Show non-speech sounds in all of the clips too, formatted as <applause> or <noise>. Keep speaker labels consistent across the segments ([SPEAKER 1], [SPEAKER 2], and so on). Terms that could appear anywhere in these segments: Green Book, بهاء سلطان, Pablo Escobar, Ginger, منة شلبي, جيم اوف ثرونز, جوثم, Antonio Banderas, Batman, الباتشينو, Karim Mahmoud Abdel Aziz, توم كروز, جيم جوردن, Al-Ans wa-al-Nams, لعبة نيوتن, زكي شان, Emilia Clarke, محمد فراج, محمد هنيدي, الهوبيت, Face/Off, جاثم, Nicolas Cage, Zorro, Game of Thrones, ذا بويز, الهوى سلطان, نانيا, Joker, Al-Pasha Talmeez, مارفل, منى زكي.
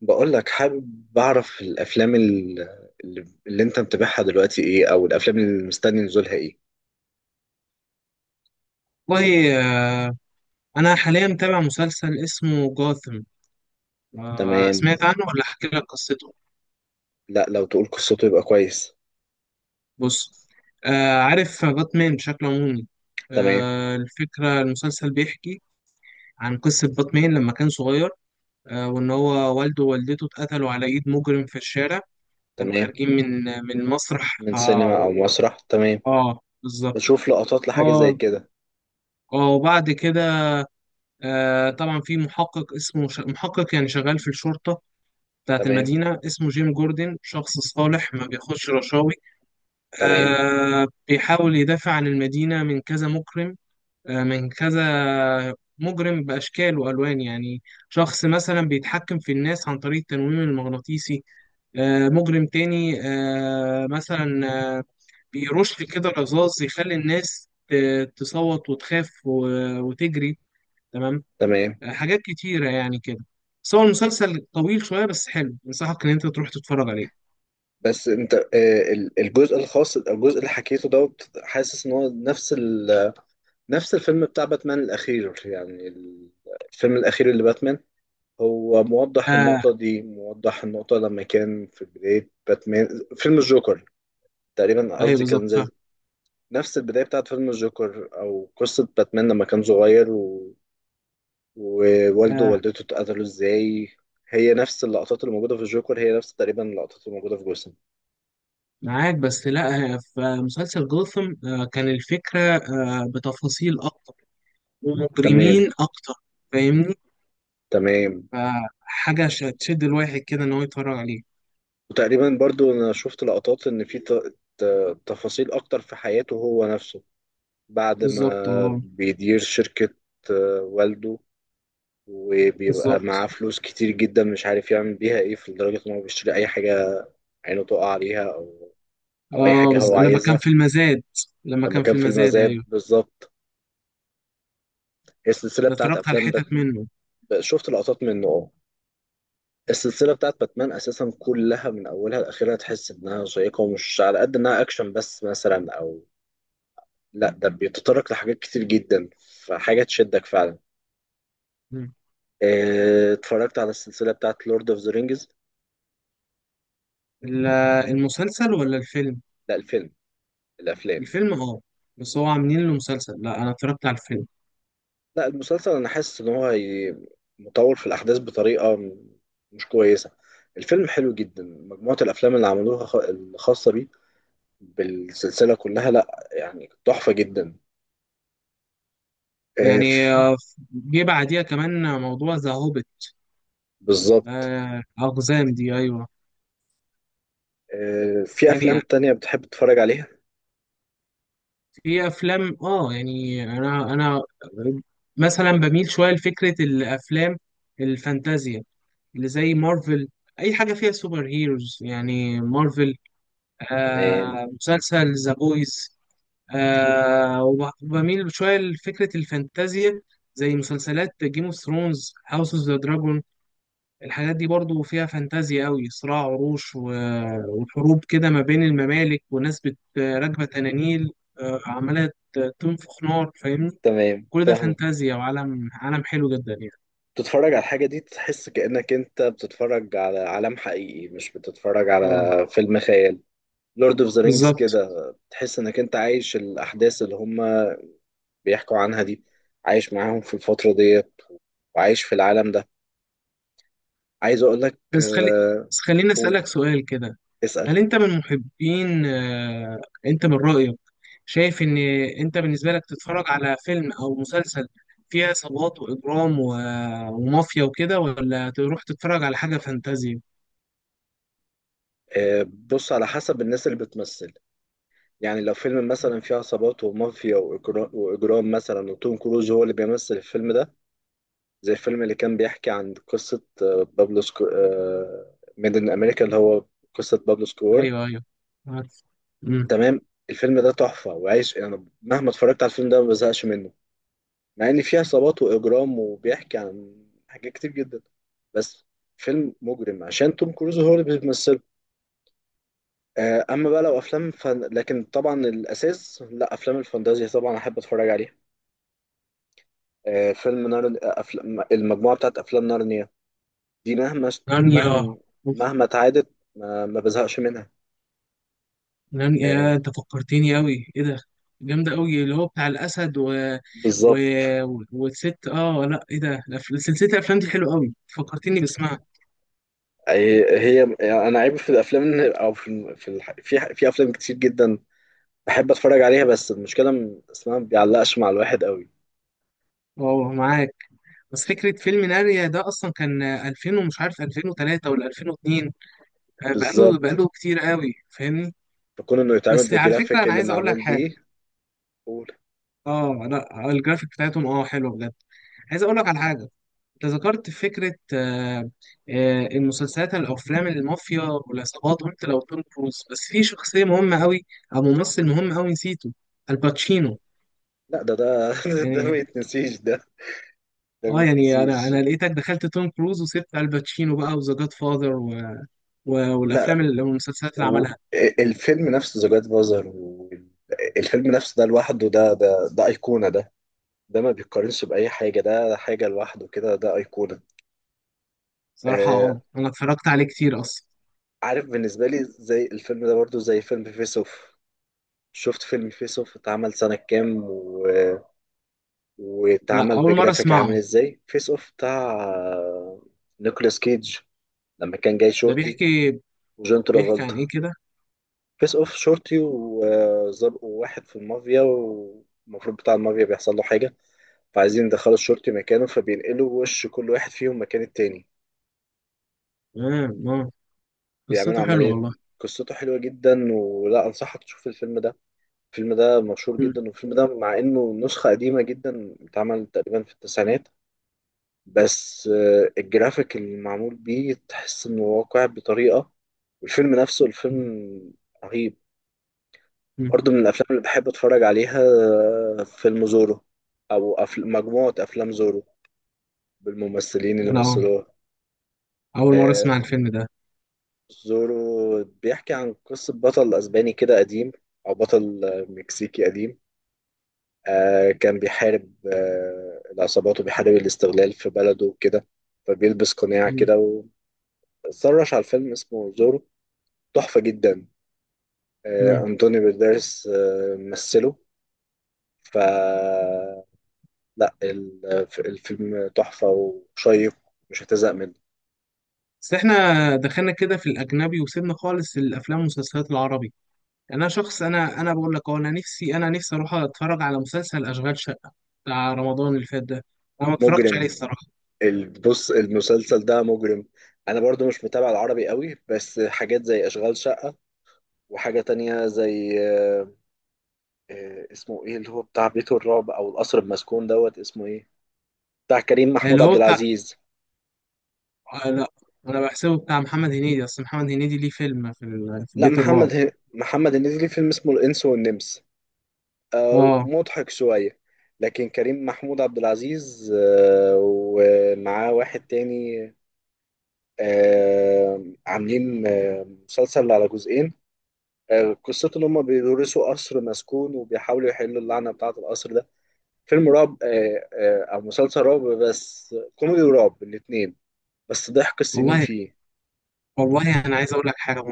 [SPEAKER 1] بقول لك حابب أعرف الأفلام اللي أنت متابعها دلوقتي إيه، أو الأفلام اللي مستني نزولها إيه؟
[SPEAKER 2] والله، آه، أنا حاليا متابع مسلسل اسمه جاثم.
[SPEAKER 1] تمام.
[SPEAKER 2] سمعت عنه ولا أحكي لك قصته؟
[SPEAKER 1] لا، لو تقول قصته يبقى كويس.
[SPEAKER 2] بص. عارف باتمان بشكل عمومي.
[SPEAKER 1] تمام،
[SPEAKER 2] الفكرة المسلسل بيحكي عن قصة باتمان لما كان صغير، وإن هو والده ووالدته اتقتلوا على إيد مجرم في الشارع. كانوا
[SPEAKER 1] تمام.
[SPEAKER 2] خارجين من مسرح
[SPEAKER 1] من سينما أو مسرح، تمام.
[SPEAKER 2] بالظبط.
[SPEAKER 1] بشوف لقطات لحاجة زي
[SPEAKER 2] آه
[SPEAKER 1] كده.
[SPEAKER 2] وبعد كده، طبعا في محقق اسمه محقق، يعني شغال في الشرطة بتاعت
[SPEAKER 1] تمام،
[SPEAKER 2] المدينة، اسمه جيم جوردن، شخص صالح ما بياخدش رشاوي.
[SPEAKER 1] تمام،
[SPEAKER 2] بيحاول يدافع عن المدينة من كذا مكرم، من كذا مجرم بأشكال وألوان يعني. شخص مثلا بيتحكم في الناس عن طريق التنويم المغناطيسي، مجرم تاني مثلا، آه بيرش كده رذاذ يخلي الناس تصوت وتخاف وتجري. تمام.
[SPEAKER 1] تمام.
[SPEAKER 2] حاجات كتيرة يعني كده. بس هو المسلسل طويل شوية بس حلو، أنصحك إن أنت تروح تتفرج عليه.
[SPEAKER 1] بس أنت، الجزء الخاص، الجزء اللي حكيته دوت، حاسس إن هو نفس نفس الفيلم بتاع باتمان الأخير، يعني الفيلم الأخير اللي باتمان، هو موضح
[SPEAKER 2] آه
[SPEAKER 1] النقطة دي، موضح النقطة لما كان في بداية باتمان. فيلم الجوكر، تقريبا
[SPEAKER 2] ايوه،
[SPEAKER 1] قصدي كان
[SPEAKER 2] بالظبط فاهم.
[SPEAKER 1] زي نفس البداية بتاعت فيلم الجوكر، أو قصة باتمان لما كان صغير ووالده
[SPEAKER 2] آه
[SPEAKER 1] ووالدته اتقتلوا ازاي. هي نفس اللقطات اللي موجودة في الجوكر، هي نفس تقريبا اللقطات اللي موجودة في جوسم.
[SPEAKER 2] معاك، بس لا. في مسلسل جوثم كان الفكره بتفاصيل اكتر
[SPEAKER 1] تمام،
[SPEAKER 2] ومجرمين اكتر، فاهمني.
[SPEAKER 1] تمام.
[SPEAKER 2] فحاجه تشد الواحد كده ان هو يتفرج عليه.
[SPEAKER 1] وتقريبا برضو أنا شفت لقطات إن في ت... تفاصيل أكتر في حياته هو نفسه، بعد
[SPEAKER 2] بالظبط،
[SPEAKER 1] ما
[SPEAKER 2] اه.
[SPEAKER 1] بيدير شركة. والده، وبيبقى معاه
[SPEAKER 2] بالظبط،
[SPEAKER 1] فلوس كتير جدا، مش عارف يعمل بيها ايه، في لدرجة ان هو بيشتري اي حاجة عينه تقع عليها، او او اي
[SPEAKER 2] اه.
[SPEAKER 1] حاجة هو
[SPEAKER 2] لما كان
[SPEAKER 1] عايزها.
[SPEAKER 2] في المزاد. لما
[SPEAKER 1] لما
[SPEAKER 2] كان
[SPEAKER 1] كان
[SPEAKER 2] في
[SPEAKER 1] في
[SPEAKER 2] المزاد،
[SPEAKER 1] المذاب،
[SPEAKER 2] ايوه.
[SPEAKER 1] بالظبط. هي السلسلة
[SPEAKER 2] ده
[SPEAKER 1] بتاعت
[SPEAKER 2] اتفرجت على
[SPEAKER 1] افلام
[SPEAKER 2] حتت منه.
[SPEAKER 1] شفت لقطات منه، اه. السلسلة بتاعت باتمان اساسا كلها من اولها لاخرها، تحس انها شيقة، ومش على قد انها اكشن بس، مثلا او... لا، ده بيتطرق لحاجات كتير جدا، فحاجة تشدك فعلا.
[SPEAKER 2] مم.
[SPEAKER 1] اتفرجت على السلسلة بتاعت لورد اوف ذا رينجز؟
[SPEAKER 2] ال- المسلسل ولا الفيلم؟
[SPEAKER 1] لا، الفيلم. الافلام.
[SPEAKER 2] الفيلم، اه. بس هو عاملين له مسلسل، لا انا اتفرجت على الفيلم.
[SPEAKER 1] لا، المسلسل انا حاسس ان هو مطول في الاحداث بطريقه مش كويسه. الفيلم حلو جدا، مجموعه الافلام اللي عملوها الخاصه بيه، بالسلسله كلها، لا يعني تحفه جدا. آه،
[SPEAKER 2] يعني
[SPEAKER 1] في-
[SPEAKER 2] جه بعديها كمان موضوع ذا هوبيت.
[SPEAKER 1] بالظبط.
[SPEAKER 2] أقزام دي، أيوه.
[SPEAKER 1] في افلام
[SPEAKER 2] يعني
[SPEAKER 1] تانية بتحب تتفرج عليها؟
[SPEAKER 2] في أفلام يعني أنا مثلا بميل شوية لفكرة الأفلام الفانتازيا، اللي زي مارفل. أي حاجة فيها سوبر هيروز يعني مارفل.
[SPEAKER 1] تمام.
[SPEAKER 2] مسلسل ذا بويز.
[SPEAKER 1] أه.
[SPEAKER 2] وبميل شوية لفكرة الفانتازيا، زي مسلسلات جيم اوف ثرونز، هاوس اوف ذا دراجون. الحاجات دي برضو فيها فانتازيا قوي، صراع عروش وحروب كده ما بين الممالك، وناس راكبة تنانيل، عمالة تنفخ نار، فاهمني.
[SPEAKER 1] تمام،
[SPEAKER 2] كل ده
[SPEAKER 1] فاهم.
[SPEAKER 2] فانتازيا، وعالم عالم حلو جدا يعني.
[SPEAKER 1] تتفرج على الحاجه دي، تحس كانك انت بتتفرج على عالم حقيقي، مش بتتفرج
[SPEAKER 2] اه،
[SPEAKER 1] على فيلم خيال. لورد اوف ذا رينجز
[SPEAKER 2] بالظبط.
[SPEAKER 1] كده. تحس انك انت عايش الاحداث اللي هم بيحكوا عنها دي، عايش معاهم في الفترة ديت، وعايش في العالم ده. عايز اقول لك
[SPEAKER 2] بس خلي بس خليني
[SPEAKER 1] قول،
[SPEAKER 2] أسألك سؤال كده.
[SPEAKER 1] اسأل.
[SPEAKER 2] هل انت من محبين، انت من رأيك، شايف ان، انت بالنسبة لك تتفرج على فيلم او مسلسل فيه عصابات واجرام ومافيا وكده، ولا تروح تتفرج على حاجة فانتازيا؟
[SPEAKER 1] بص، على حسب الناس اللي بتمثل. يعني لو فيلم مثلا فيه عصابات ومافيا وإجرام مثلا، وتوم كروز هو اللي بيمثل الفيلم ده، زي الفيلم اللي كان بيحكي عن قصة بابلو ميد إن أمريكا، اللي هو قصة بابلو سكور.
[SPEAKER 2] ايوه، ايوه، عارف. امم
[SPEAKER 1] تمام. الفيلم ده تحفة، وعايش أنا يعني مهما اتفرجت على الفيلم ده ما بزهقش منه، مع ان فيه عصابات واجرام وبيحكي عن حاجات كتير جدا، بس فيلم مجرم عشان توم كروز هو اللي بيمثله. اما بقى لو افلام لكن طبعا الاساس، لا، افلام الفانتازيا طبعا احب اتفرج عليها. فيلم نار المجموعه بتاعت افلام نارنيا دي،
[SPEAKER 2] نانيا.
[SPEAKER 1] مهما
[SPEAKER 2] أوف.
[SPEAKER 1] مهما اتعادت ما بزهقش منها.
[SPEAKER 2] نانيا،
[SPEAKER 1] آه،
[SPEAKER 2] يا انت فكرتني قوي، ايه ده؟ جامده قوي، اللي هو بتاع الاسد، و... و...
[SPEAKER 1] بالظبط.
[SPEAKER 2] والست، اه لا، ايه ده؟ سلسله الافلام دي حلوه قوي، فكرتني باسمها.
[SPEAKER 1] هي انا عيب في الافلام، او في افلام كتير جدا بحب اتفرج عليها، بس المشكله اسمها ما بيعلقش مع الواحد قوي.
[SPEAKER 2] اه، معاك. بس فكره فيلم ناريا ده اصلا كان 2000، ومش عارف 2003 ولا 2002. بقاله
[SPEAKER 1] بالظبط،
[SPEAKER 2] بقاله كتير قوي، فاهمني.
[SPEAKER 1] فكون انه يتعمل
[SPEAKER 2] بس على فكره
[SPEAKER 1] بالجرافيك
[SPEAKER 2] انا
[SPEAKER 1] اللي
[SPEAKER 2] عايز اقول لك
[SPEAKER 1] معمول
[SPEAKER 2] حاجه.
[SPEAKER 1] بيه. قول.
[SPEAKER 2] اه لا، الجرافيك بتاعتهم اه حلوه بجد. عايز اقول لك على حاجه. انت ذكرت فكره المسلسلات الافلام، المافيا والعصابات، وانت لو توم كروز. بس في شخصيه مهمه قوي او ممثل مهم قوي نسيته، الباتشينو.
[SPEAKER 1] لا، ده <laughs> ده
[SPEAKER 2] يعني
[SPEAKER 1] ما يتنسيش ده. ده ما
[SPEAKER 2] اه يعني انا
[SPEAKER 1] يتنسيش.
[SPEAKER 2] انا لقيتك دخلت توم كروز وسبت الباتشينو بقى، وذا جاد فاذر، و... و...
[SPEAKER 1] لا،
[SPEAKER 2] والمسلسلات اللي عملها.
[SPEAKER 1] والفيلم نفسه ذا جاد فازر، الفيلم نفسه ده لوحده، ده ايقونه، ده. ده ما بيتقارنش باي حاجه، ده حاجه لوحده كده، ده ايقونه.
[SPEAKER 2] صراحه
[SPEAKER 1] آه.
[SPEAKER 2] اه انا اتفرجت عليه كتير اصلا.
[SPEAKER 1] عارف، بالنسبه لي زي الفيلم ده برضو زي فيلم فيس اوف. شفت فيلم فيس اوف اتعمل سنة كام
[SPEAKER 2] لا،
[SPEAKER 1] واتعمل
[SPEAKER 2] اول مره
[SPEAKER 1] بجرافيك عامل
[SPEAKER 2] اسمعه.
[SPEAKER 1] ازاي، فيس اوف بتاع نيكولاس كيدج لما كان جاي
[SPEAKER 2] ده
[SPEAKER 1] شورتي
[SPEAKER 2] بيحكي
[SPEAKER 1] وجون
[SPEAKER 2] بيحكي عن
[SPEAKER 1] ترافولتا.
[SPEAKER 2] ايه كده؟
[SPEAKER 1] فيس اوف، شورتي وزرقوا واحد في المافيا، والمفروض بتاع المافيا بيحصل له حاجة، فعايزين يدخلوا الشورتي مكانه، فبينقلوا وش كل واحد فيهم مكان التاني،
[SPEAKER 2] اه، اه،
[SPEAKER 1] بيعملوا
[SPEAKER 2] قصته حلوه
[SPEAKER 1] عملية.
[SPEAKER 2] والله.
[SPEAKER 1] قصته حلوة جدا، ولا أنصحك تشوف الفيلم ده. الفيلم ده مشهور جدا، والفيلم ده مع إنه نسخة قديمة جدا اتعمل تقريبا في التسعينات، بس الجرافيك اللي معمول بيه تحس إنه واقع بطريقة. والفيلم نفسه، الفيلم
[SPEAKER 2] مم.
[SPEAKER 1] رهيب.
[SPEAKER 2] مم.
[SPEAKER 1] برضو من الافلام اللي بحب اتفرج عليها، فيلم زورو، او مجموعه افلام زورو، بالممثلين اللي
[SPEAKER 2] انا
[SPEAKER 1] مثلوها.
[SPEAKER 2] اول مره
[SPEAKER 1] آه،
[SPEAKER 2] اسمع الفيلم ده.
[SPEAKER 1] زورو بيحكي عن قصه بطل اسباني كده قديم، او بطل، مكسيكي قديم. كان بيحارب العصابات، وبيحارب الاستغلال في بلده وكده، فبيلبس قناع
[SPEAKER 2] مم.
[SPEAKER 1] كده. واتسرش على الفيلم، اسمه زورو. تحفه جدا.
[SPEAKER 2] مم.
[SPEAKER 1] انطونيو بيرديرس مثله. ف لا، الفيلم تحفة وشيق، مش هتزهق منه.
[SPEAKER 2] بس احنا دخلنا كده في الاجنبي، وسيبنا خالص الافلام والمسلسلات العربي. انا شخص، انا بقول لك أهو، انا نفسي اروح اتفرج على مسلسل اشغال شقه بتاع رمضان اللي فات ده. انا ما اتفرجتش عليه
[SPEAKER 1] مجرم،
[SPEAKER 2] الصراحه.
[SPEAKER 1] بص، المسلسل ده مجرم. انا برضو مش متابع العربي قوي، بس حاجات زي اشغال شقة، وحاجة تانية زي اسمه ايه اللي هو بتاع بيت الرعب او القصر المسكون دوت، اسمه ايه، بتاع كريم محمود
[SPEAKER 2] اللي
[SPEAKER 1] عبد
[SPEAKER 2] هو بتاع،
[SPEAKER 1] العزيز.
[SPEAKER 2] آه لا، انا بحسبه بتاع محمد هنيدي، اصل محمد هنيدي ليه فيلم في
[SPEAKER 1] لا،
[SPEAKER 2] بيت الرعب.
[SPEAKER 1] محمد هنيدي ليه فيلم اسمه الانس والنمس،
[SPEAKER 2] اه،
[SPEAKER 1] مضحك شوية. لكن كريم محمود عبد العزيز، ومعاه واحد تاني، عاملين مسلسل على جزئين، قصته ان هم بيدرسوا قصر مسكون، وبيحاولوا يحلوا اللعنه بتاعه القصر ده. فيلم رعب، او مسلسل رعب، بس كوميدي ورعب الاثنين، بس ضحك السنين
[SPEAKER 2] والله.
[SPEAKER 1] فيه.
[SPEAKER 2] والله انا عايز اقول لك حاجه.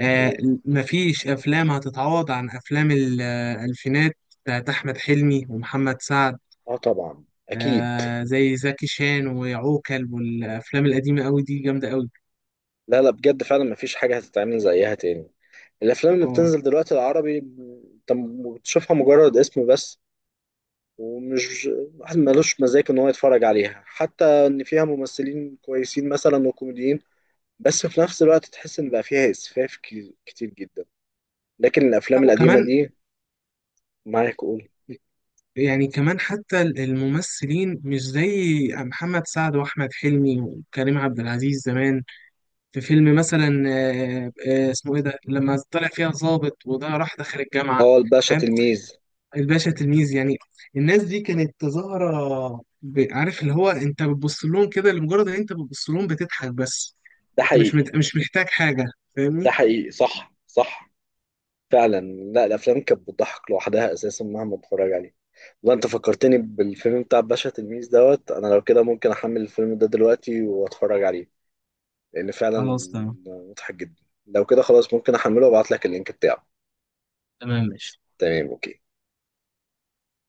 [SPEAKER 2] آه،
[SPEAKER 1] و-
[SPEAKER 2] مفيش أفلام هتتعوض عن أفلام الألفينات بتاعت أحمد حلمي ومحمد سعد.
[SPEAKER 1] اه، طبعا اكيد.
[SPEAKER 2] زي زكي شان وعوكل، والأفلام القديمة أوي دي جامدة أوي.
[SPEAKER 1] لا، لا، بجد فعلا مفيش حاجه هتتعمل زيها تاني. الافلام اللي
[SPEAKER 2] اه
[SPEAKER 1] بتنزل دلوقتي العربي، انت بتشوفها مجرد اسم بس، ومش واحد ملوش مزاج ان هو يتفرج عليها، حتى ان فيها ممثلين كويسين مثلا وكوميديين، بس في نفس الوقت تحس ان بقى فيها اسفاف كتير جدا. لكن
[SPEAKER 2] لا،
[SPEAKER 1] الافلام القديمه
[SPEAKER 2] وكمان
[SPEAKER 1] دي، معاك، قول.
[SPEAKER 2] يعني كمان، حتى الممثلين مش زي محمد سعد وأحمد حلمي وكريم عبد العزيز زمان. في فيلم مثلا اسمه إيه ده؟ لما طلع فيها ظابط وده راح دخل الجامعة.
[SPEAKER 1] اه، الباشا تلميذ.
[SPEAKER 2] الباشا تلميذ، يعني. الناس دي كانت ظاهرة، عارف اللي هو انت بتبص لهم كده، لمجرد ان انت بتبص لهم بتضحك بس.
[SPEAKER 1] ده
[SPEAKER 2] انت
[SPEAKER 1] حقيقي.
[SPEAKER 2] مش محتاج حاجة، فاهمني.
[SPEAKER 1] ده حقيقي، صح، صح، فعلا. لا، الافلام كانت بتضحك لوحدها اساسا، مهما اتفرج عليه. والله انت فكرتني بالفيلم بتاع الباشا تلميذ دوت، انا لو كده ممكن احمل الفيلم ده دلوقتي واتفرج عليه، لان فعلا
[SPEAKER 2] خلاص تمام.
[SPEAKER 1] مضحك جدا. لو كده خلاص ممكن احمله وابعت لك اللينك بتاعه.
[SPEAKER 2] تمام، ماشي
[SPEAKER 1] تمام، اوكي.